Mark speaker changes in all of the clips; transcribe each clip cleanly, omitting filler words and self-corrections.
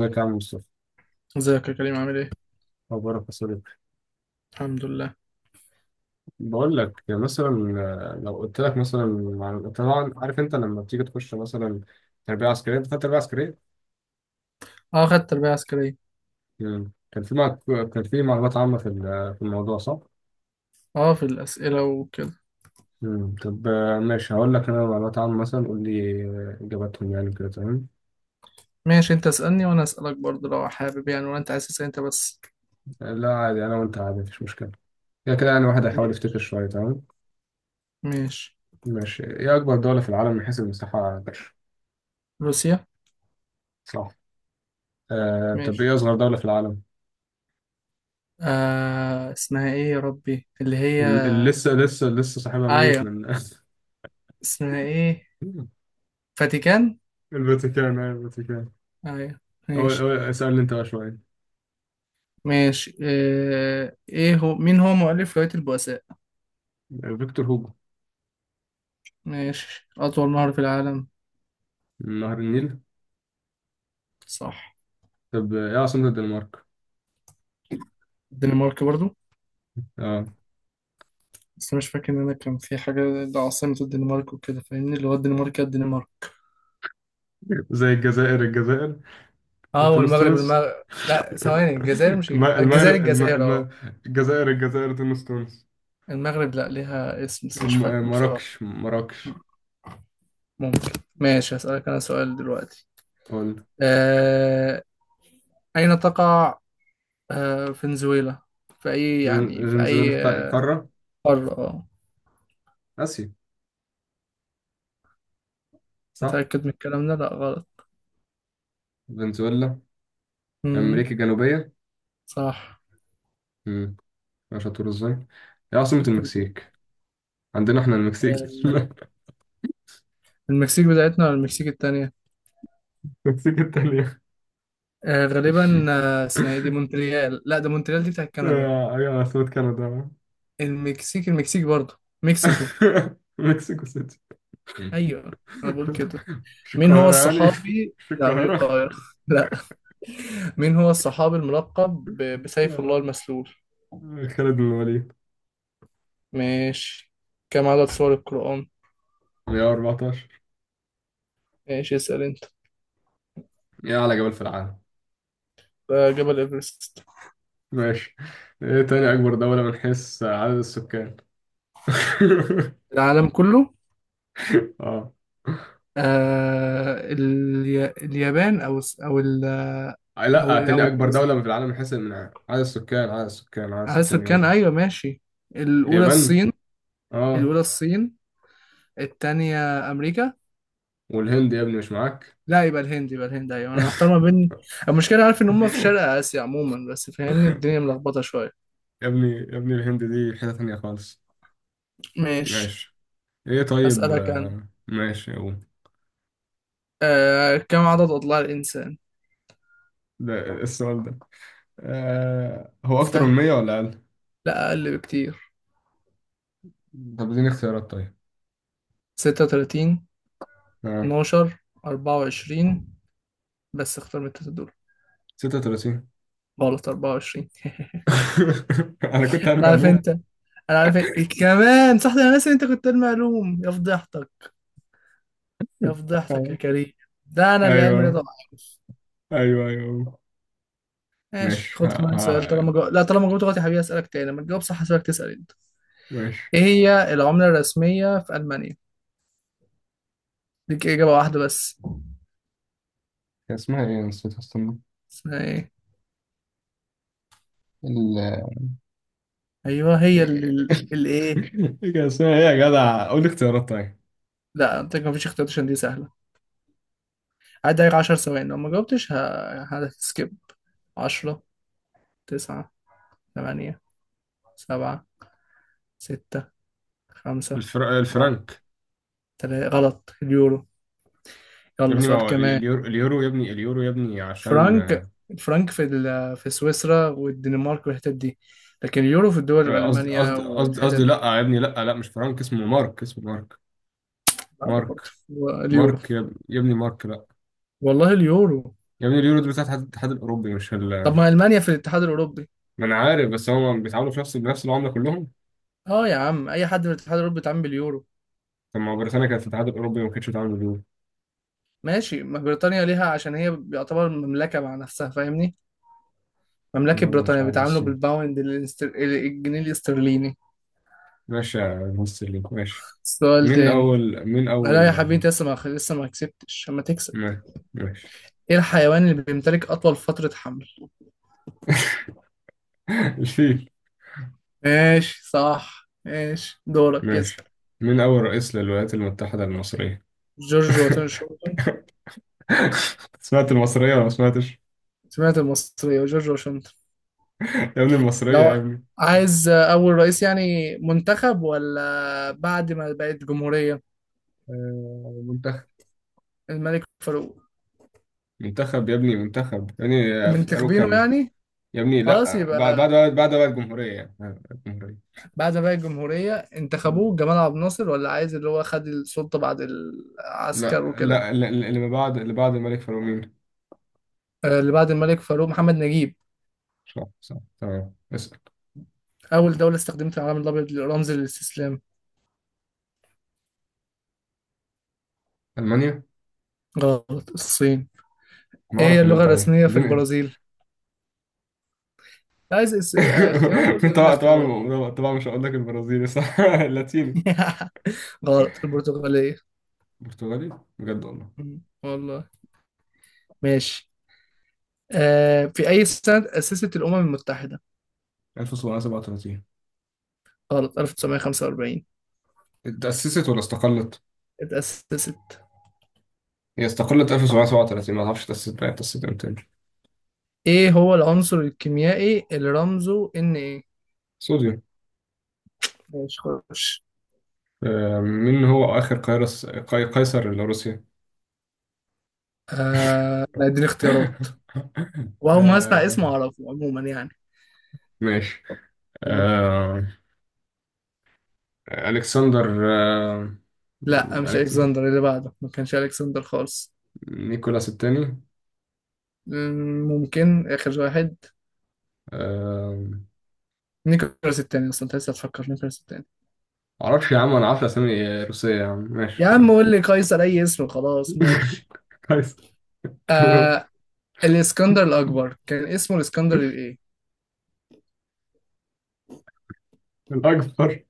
Speaker 1: ازيك يا عم مصطفى؟
Speaker 2: ازيك يا كريم، عامل ايه؟
Speaker 1: اخبارك يا صديقي؟
Speaker 2: الحمد لله.
Speaker 1: بقول لك مثلا. لو قلت لك مثلا. طبعا عارف انت لما بتيجي تخش مثلا تربيه عسكريه، انت خدت تربيه عسكريه.
Speaker 2: اه، خدت تربية عسكرية.
Speaker 1: مم. كان في كان في معلومات عامه في في الموضوع، صح؟
Speaker 2: اه، في الأسئلة وكده.
Speaker 1: مم. طب ماشي، هقول لك انا معلومات عامه مثلا، قول لي اجاباتهم يعني كده تمام.
Speaker 2: ماشي، انت اسألني وانا اسألك برضه لو حابب يعني، ولا انت عايز تسأل انت بس؟
Speaker 1: لا عادي، انا وانت عادي مفيش مشكله. كده كده يعني واحد هيحاول يفتكر شويه، تمام.
Speaker 2: ماشي.
Speaker 1: ماشي، ايه اكبر دوله في العالم من حيث المساحه يا باشا؟
Speaker 2: روسيا.
Speaker 1: صح. طب ايه
Speaker 2: ماشي.
Speaker 1: اصغر دوله في العالم؟
Speaker 2: اسمها ايه يا ربي اللي هي؟
Speaker 1: لسه صاحبها ميت
Speaker 2: ايوه.
Speaker 1: من
Speaker 2: اسمها ايه؟ فاتيكان.
Speaker 1: الفاتيكان، الفاتيكان.
Speaker 2: ايوه.
Speaker 1: أول
Speaker 2: ماشي.
Speaker 1: أول اسألني أنت بقى شوية.
Speaker 2: ماشي. ايه هو مين هو مؤلف رواية البؤساء؟
Speaker 1: فيكتور هوجو.
Speaker 2: ماشي. أطول نهر في العالم.
Speaker 1: نهر النيل.
Speaker 2: صح.
Speaker 1: طب إيه عاصمة الدنمارك؟
Speaker 2: الدنمارك برضو.
Speaker 1: أه.
Speaker 2: بس مش فاكر ان انا كان في حاجه، ده عاصمه الدنمارك وكده فاهمني، اللي هو الدنمارك يا الدنمارك.
Speaker 1: زي الجزائر الجزائر
Speaker 2: اه،
Speaker 1: وتونس
Speaker 2: والمغرب
Speaker 1: تونس.
Speaker 2: المغرب. لا، ثواني، الجزائر مش الجزائر
Speaker 1: المغرب
Speaker 2: الجزائر، اه.
Speaker 1: الجزائر الجزائر تونس تونس.
Speaker 2: المغرب لا، ليها اسم بس مش فاكره بصراحه.
Speaker 1: مراكش مراكش.
Speaker 2: ممكن. ماشي، هسألك أنا سؤال دلوقتي.
Speaker 1: قول.
Speaker 2: آه، أين تقع فنزويلا؟ في
Speaker 1: فنزويلا في
Speaker 2: أي
Speaker 1: قارة
Speaker 2: قارة؟ اه.
Speaker 1: آسيا، صح؟
Speaker 2: متأكد من الكلام ده؟ لا، غلط.
Speaker 1: فنزويلا
Speaker 2: امم.
Speaker 1: أمريكا الجنوبية.
Speaker 2: صح.
Speaker 1: مم. مش هتقول إزاي؟ إيه عاصمة
Speaker 2: طب كده.
Speaker 1: المكسيك؟ عندنا احنا المكسيك.
Speaker 2: آه، المكسيك بتاعتنا ولا المكسيك التانية؟
Speaker 1: المكسيك التانية.
Speaker 2: غالبا. اسمها ايه دي؟ مونتريال. لا، ده مونتريال دي بتاعت كندا.
Speaker 1: ايوه، عاصمة كندا.
Speaker 2: المكسيك المكسيك برضه مكسيكو.
Speaker 1: مكسيكو سيتي.
Speaker 2: ايوه. انا بقول كده.
Speaker 1: مش
Speaker 2: مين هو
Speaker 1: القاهرة يعني
Speaker 2: الصحابي؟
Speaker 1: مش
Speaker 2: لا، مش
Speaker 1: القاهرة.
Speaker 2: القاهرة، لا. مين هو الصحابي الملقب بسيف الله
Speaker 1: آه،
Speaker 2: المسلول؟
Speaker 1: خالد بن الوليد.
Speaker 2: ماشي. كم عدد سور القرآن؟
Speaker 1: 114.
Speaker 2: ماشي، اسأل انت.
Speaker 1: ايه أعلى جبل في العالم؟
Speaker 2: جبل ايفرست.
Speaker 1: ماشي. ايه تاني أكبر دولة من حيث عدد السكان؟
Speaker 2: العالم كله.
Speaker 1: اه.
Speaker 2: اليابان، او
Speaker 1: لا،
Speaker 2: او
Speaker 1: تاني أكبر دولة
Speaker 2: البرازيل.
Speaker 1: في العالم من حيث من عدد السكان، عدد السكان، عدد
Speaker 2: عدد
Speaker 1: السكان
Speaker 2: سكان،
Speaker 1: يابا.
Speaker 2: ايوه، ماشي. الاولى
Speaker 1: اليابان.
Speaker 2: الصين.
Speaker 1: اه.
Speaker 2: الاولى الصين، التانية أمريكا.
Speaker 1: والهند يا ابني، مش معاك؟
Speaker 2: لا، يبقى الهند، يبقى الهند، أيوة أنا محتار ما بين. المشكلة عارف إن هم في شرق آسيا عموما، بس فاهمني الدنيا ملخبطة شوية.
Speaker 1: يا ابني الهند دي حتة تانية خالص.
Speaker 2: ماشي.
Speaker 1: ماشي. ايه طيب
Speaker 2: أسألك أنا.
Speaker 1: ماشي، هو
Speaker 2: كم عدد أضلاع الإنسان؟
Speaker 1: ده السؤال ده آه، هو أكتر من
Speaker 2: سهلة.
Speaker 1: 100 ولا أقل؟
Speaker 2: لا، أقل بكتير.
Speaker 1: طب اديني اختيارات طيب.
Speaker 2: ستة وتلاتين.
Speaker 1: آه.
Speaker 2: اتناشر. أربعة وعشرين. بس اختار من التلاتة دول.
Speaker 1: 36.
Speaker 2: غلط، أربعة وعشرين.
Speaker 1: أنا كنت عارف
Speaker 2: أنا عارف
Speaker 1: معلومة.
Speaker 2: أنت. أنا عارف إنت. كمان صح، ده أنا ناسي إن أنت كنت علمي علوم، يا فضيحتك. يا فضيحتك
Speaker 1: آه.
Speaker 2: يا كريم. ده أنا اللي علمي رياضة
Speaker 1: أيوه
Speaker 2: وعارف.
Speaker 1: أيوه أيوه.
Speaker 2: ماشي،
Speaker 1: ماشي، ها
Speaker 2: خد كمان سؤال.
Speaker 1: ها،
Speaker 2: لا، طالما جاوبت غلط يا حبيبي، اسالك تاني، لما تجاوب صح هسيبك تسال انت.
Speaker 1: ماشي.
Speaker 2: ايه هي العمله الرسميه في المانيا؟ ليك اجابه واحده بس.
Speaker 1: كان اسمها إيه؟ نسيت أصلا.
Speaker 2: اسمها ايه؟
Speaker 1: ال...
Speaker 2: ايوه، هي اللي الايه.
Speaker 1: إيه كان اسمها إيه يا جدع؟ قول لي اختيارات طيب.
Speaker 2: لا، انت ما فيش اختيارات عشان دي سهله. عدى عليك 10 ثواني، لو ما جاوبتش هتسكيب. 10، 9، 8، 7، 6، 5، 4،
Speaker 1: الفرنك.
Speaker 2: 3، غلط. اليورو.
Speaker 1: يا
Speaker 2: يلا،
Speaker 1: ابني ما
Speaker 2: سؤال
Speaker 1: هو
Speaker 2: كمان.
Speaker 1: اليورو، اليورو يا ابني عشان
Speaker 2: الفرنك في سويسرا والدنمارك والحتت دي. لكن اليورو في الدول
Speaker 1: قصدي،
Speaker 2: المانيا
Speaker 1: قصدي قصدي
Speaker 2: والحتت
Speaker 1: قصدي لا
Speaker 2: دي.
Speaker 1: يا ابني، لا لا، مش فرانك، اسمه مارك، اسمه مارك،
Speaker 2: لا،
Speaker 1: مارك،
Speaker 2: برضه اليورو.
Speaker 1: مارك يا يا ابني، مارك، لا.
Speaker 2: والله اليورو.
Speaker 1: يا ابني اليورو دول بتاعت الاتحاد الاوروبي، مش
Speaker 2: طب
Speaker 1: ال...
Speaker 2: ما المانيا في الاتحاد الاوروبي.
Speaker 1: ما انا عارف، بس هم بيتعاملوا في بنفس العمله كلهم.
Speaker 2: اه يا عم، اي حد في الاتحاد الاوروبي بيتعامل باليورو.
Speaker 1: طب ما هو بريطانيا كانت في الاتحاد الاوروبي وما كانتش بتتعامل باليورو.
Speaker 2: ماشي، ما بريطانيا ليها عشان هي بيعتبر مملكه مع نفسها فاهمني. مملكه
Speaker 1: لا، مش
Speaker 2: بريطانيا
Speaker 1: عارف
Speaker 2: بيتعاملوا
Speaker 1: بس.
Speaker 2: بالباوند الجنيه الاسترليني.
Speaker 1: ماشي يا مستر لينك، ماشي.
Speaker 2: سؤال
Speaker 1: مين
Speaker 2: تاني.
Speaker 1: اول مين
Speaker 2: لا يا
Speaker 1: اول
Speaker 2: حبيبي، انت لسه ما كسبتش اما تكسب.
Speaker 1: ما- ماشي.
Speaker 2: ايه الحيوان اللي بيمتلك اطول فتره حمل؟
Speaker 1: الفيل.
Speaker 2: ماشي، صح، ماشي دورك،
Speaker 1: ماشي.
Speaker 2: اسأل.
Speaker 1: مين اول رئيس للولايات المتحده المصريه؟
Speaker 2: جورج واشنطن.
Speaker 1: سمعت المصرية ولا ما سمعتش؟
Speaker 2: سمعت المصرية. جورج واشنطن.
Speaker 1: يا ابني المصرية يا
Speaker 2: لو
Speaker 1: ابني.
Speaker 2: عايز أول رئيس يعني منتخب ولا بعد ما بقت جمهورية؟
Speaker 1: منتخب.
Speaker 2: الملك فاروق.
Speaker 1: منتخب يا ابني، منتخب يا ابني في
Speaker 2: منتخبينه
Speaker 1: أروكان.
Speaker 2: يعني؟
Speaker 1: يا ابني
Speaker 2: خلاص،
Speaker 1: لا،
Speaker 2: يبقى
Speaker 1: بعد بقى الجمهورية يعني الجمهورية.
Speaker 2: بعد ما بقت جمهورية
Speaker 1: مم.
Speaker 2: انتخبوه جمال عبد الناصر، ولا عايز اللي هو خد السلطة بعد العسكر وكده؟
Speaker 1: اللي ما بعد، اللي بعد الملك فاروق مين؟
Speaker 2: اللي بعد الملك فاروق محمد نجيب.
Speaker 1: صح صح، تمام، اسأل.
Speaker 2: أول دولة استخدمت العلم الأبيض لرمز الاستسلام.
Speaker 1: ألمانيا؟
Speaker 2: غلط، الصين.
Speaker 1: ما
Speaker 2: إيه هي
Speaker 1: أعرف إن
Speaker 2: اللغة
Speaker 1: أنت عيل،
Speaker 2: الرسمية في
Speaker 1: اديني.
Speaker 2: البرازيل؟ عايز اختيارات؟ قول
Speaker 1: إيه؟
Speaker 2: لي قول لي
Speaker 1: طبعا
Speaker 2: اختيارات.
Speaker 1: طبعا طبعا مش هقول لك البرازيلي، صح؟ اللاتيني.
Speaker 2: غلط، البرتغالية.
Speaker 1: برتغالي بجد والله.
Speaker 2: مم. والله. ماشي. في أي سنة تأسست الأمم المتحدة؟
Speaker 1: 1737.
Speaker 2: غلط، 1945.
Speaker 1: اتأسست ولا استقلت؟
Speaker 2: اتأسست.
Speaker 1: هي استقلت 1737، ما اعرفش تأسست، بقى تأسست امتى؟
Speaker 2: إيه هو العنصر الكيميائي اللي رمزه إن؟ إيه؟
Speaker 1: صوديوم.
Speaker 2: ماشي، خش.
Speaker 1: مين هو آخر قيصر لروسيا؟
Speaker 2: لا، اديني اختيارات. وأول ما أسمع
Speaker 1: آه،
Speaker 2: اسمه أعرفه عموما يعني.
Speaker 1: ماشي.
Speaker 2: قول.
Speaker 1: آه، ألكسندر
Speaker 2: لا، مش
Speaker 1: ألكس
Speaker 2: ألكسندر، اللي بعده ما كانش ألكسندر خالص.
Speaker 1: نيكولاس الثاني.
Speaker 2: ممكن آخر واحد.
Speaker 1: آه،
Speaker 2: نيكولاس التاني؟ أصلا أنت لسه هتفكر نيكولاس التاني.
Speaker 1: معرفش يا عم، أنا عارف أسامي روسية يا عم،
Speaker 2: يا
Speaker 1: ماشي
Speaker 2: عم
Speaker 1: تمام.
Speaker 2: قول لي قيصر اي اسم خلاص، ماشي.
Speaker 1: قيصر، تمام.
Speaker 2: آه الاسكندر الاكبر كان اسمه الاسكندر الايه؟
Speaker 1: الأكبر.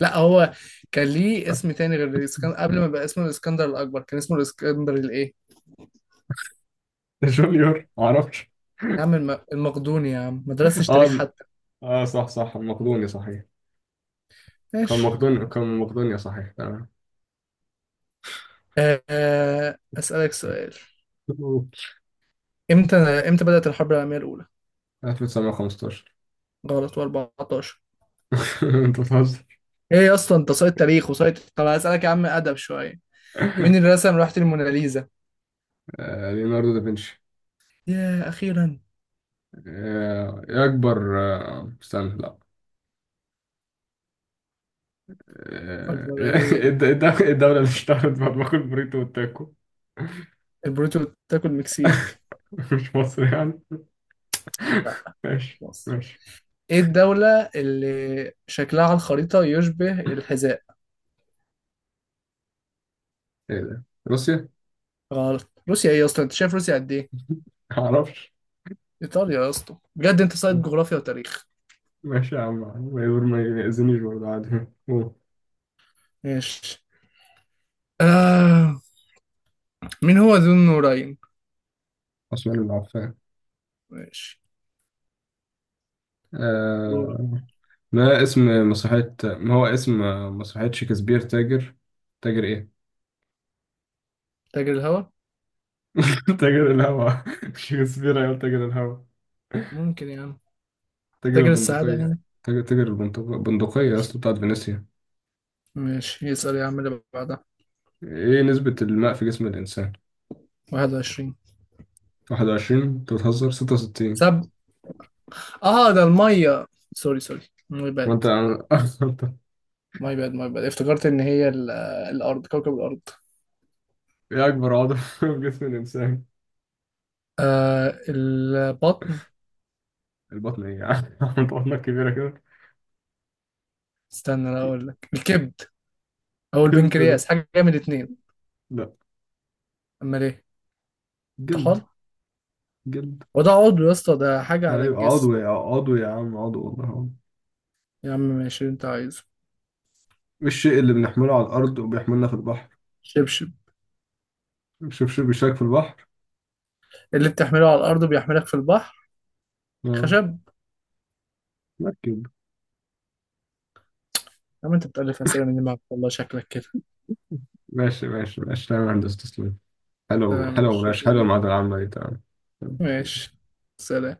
Speaker 2: لا، هو كان ليه اسم تاني غير الاسكندر قبل ما بقى اسمه الاسكندر الاكبر. كان اسمه الاسكندر الايه؟
Speaker 1: جونيور، معرفش.
Speaker 2: يا عم المقدوني يا عم، ما درستش تاريخ
Speaker 1: اه.
Speaker 2: حتى.
Speaker 1: صح صح، المقدوني صحيح. كان
Speaker 2: ماشي.
Speaker 1: مقدونيا كان مقدونيا صحيح تمام.
Speaker 2: اسالك سؤال. امتى بدأت الحرب العالميه الاولى؟
Speaker 1: 1915.
Speaker 2: غلط، و14.
Speaker 1: انت بتهزر.
Speaker 2: ايه يا اسطى، انت سايت تاريخ وسايت؟ طب اسالك يا عم، ادب شويه. مين اللي رسم لوحه الموناليزا؟
Speaker 1: ليوناردو دافنشي.
Speaker 2: يا اخيرا.
Speaker 1: ايه اكبر استنى لا.
Speaker 2: اكبر
Speaker 1: ايه
Speaker 2: ايه؟
Speaker 1: إيه الدولة اللي اشتهرت بمطبخ البوريتو والتاكو؟
Speaker 2: البروتو بتاكل مكسيك.
Speaker 1: مش مصر يعني.
Speaker 2: لا، مش
Speaker 1: ماشي
Speaker 2: مصر.
Speaker 1: ماشي
Speaker 2: ايه الدولة اللي شكلها على الخريطة يشبه الحذاء؟
Speaker 1: ايه ده، روسيا؟
Speaker 2: غلط، روسيا. ايه يا اسطى، انت شايف روسيا قد ايه؟
Speaker 1: معرفش.
Speaker 2: ايطاليا يا اسطى، بجد انت صايد جغرافيا وتاريخ.
Speaker 1: ماشي يا عم، ما يقول ما يأذنيش برضه عادي. أوه.
Speaker 2: ماشي. آه. مين هو ذو النورين؟
Speaker 1: عثمان بن عفان.
Speaker 2: ماشي، دور.
Speaker 1: آه، ما هو اسم مسرحية شكسبير، تاجر، تاجر ايه؟
Speaker 2: تاجر الهوا.
Speaker 1: تاجر الهوا. مش شكسبير، أيوة تاجر الهوا.
Speaker 2: ممكن يا عم.
Speaker 1: تاجر
Speaker 2: تاجر السعادة
Speaker 1: البندقية.
Speaker 2: يعني،
Speaker 1: تاجر البندقية، البندقية
Speaker 2: مش.
Speaker 1: أصلا بتاعت فينيسيا.
Speaker 2: ماشي، يسأل يا عم اللي بعدها.
Speaker 1: ايه نسبة الماء في جسم الإنسان؟
Speaker 2: 21.
Speaker 1: 21، انت بتهزر، 66.
Speaker 2: سب اه، ده المية. سوري، سوري. ماي
Speaker 1: وانت
Speaker 2: باد.
Speaker 1: عن- انت.
Speaker 2: ماي باد، ماي باد، افتكرت ان هي الارض، كوكب الارض.
Speaker 1: ايه أكبر عضو في جسم الإنسان؟
Speaker 2: البطن.
Speaker 1: البطن؟ ايه يعني؟ انت بطنك كبيرة كده.
Speaker 2: استنى انا اقول لك، الكبد او
Speaker 1: جلد ده.
Speaker 2: البنكرياس، حاجه من الاثنين.
Speaker 1: لا.
Speaker 2: امال ايه؟
Speaker 1: جلد.
Speaker 2: طحال.
Speaker 1: جلد.
Speaker 2: وده عضو يا اسطى؟ ده حاجه على
Speaker 1: ايوه
Speaker 2: الجسم.
Speaker 1: عضو، يا عضو يا عم، عضو والله عضو.
Speaker 2: يا عم ماشي اللي انت عايزه.
Speaker 1: الشيء اللي بنحمله على الأرض وبيحملنا في البحر.
Speaker 2: شبشب.
Speaker 1: شوف شوف، بيشارك في البحر.
Speaker 2: اللي بتحمله على الارض بيحملك في البحر.
Speaker 1: اه.
Speaker 2: خشب.
Speaker 1: مركب.
Speaker 2: يا عم انت بتألف اسئله من دماغك، والله شكلك كده.
Speaker 1: ماشي ماشي تمام، يا هندسة تسلم. حلو،
Speaker 2: تمام،
Speaker 1: حلو ماشي حلو
Speaker 2: شكرا.
Speaker 1: المعادلة العامة دي تمام.
Speaker 2: ماشي. سلام.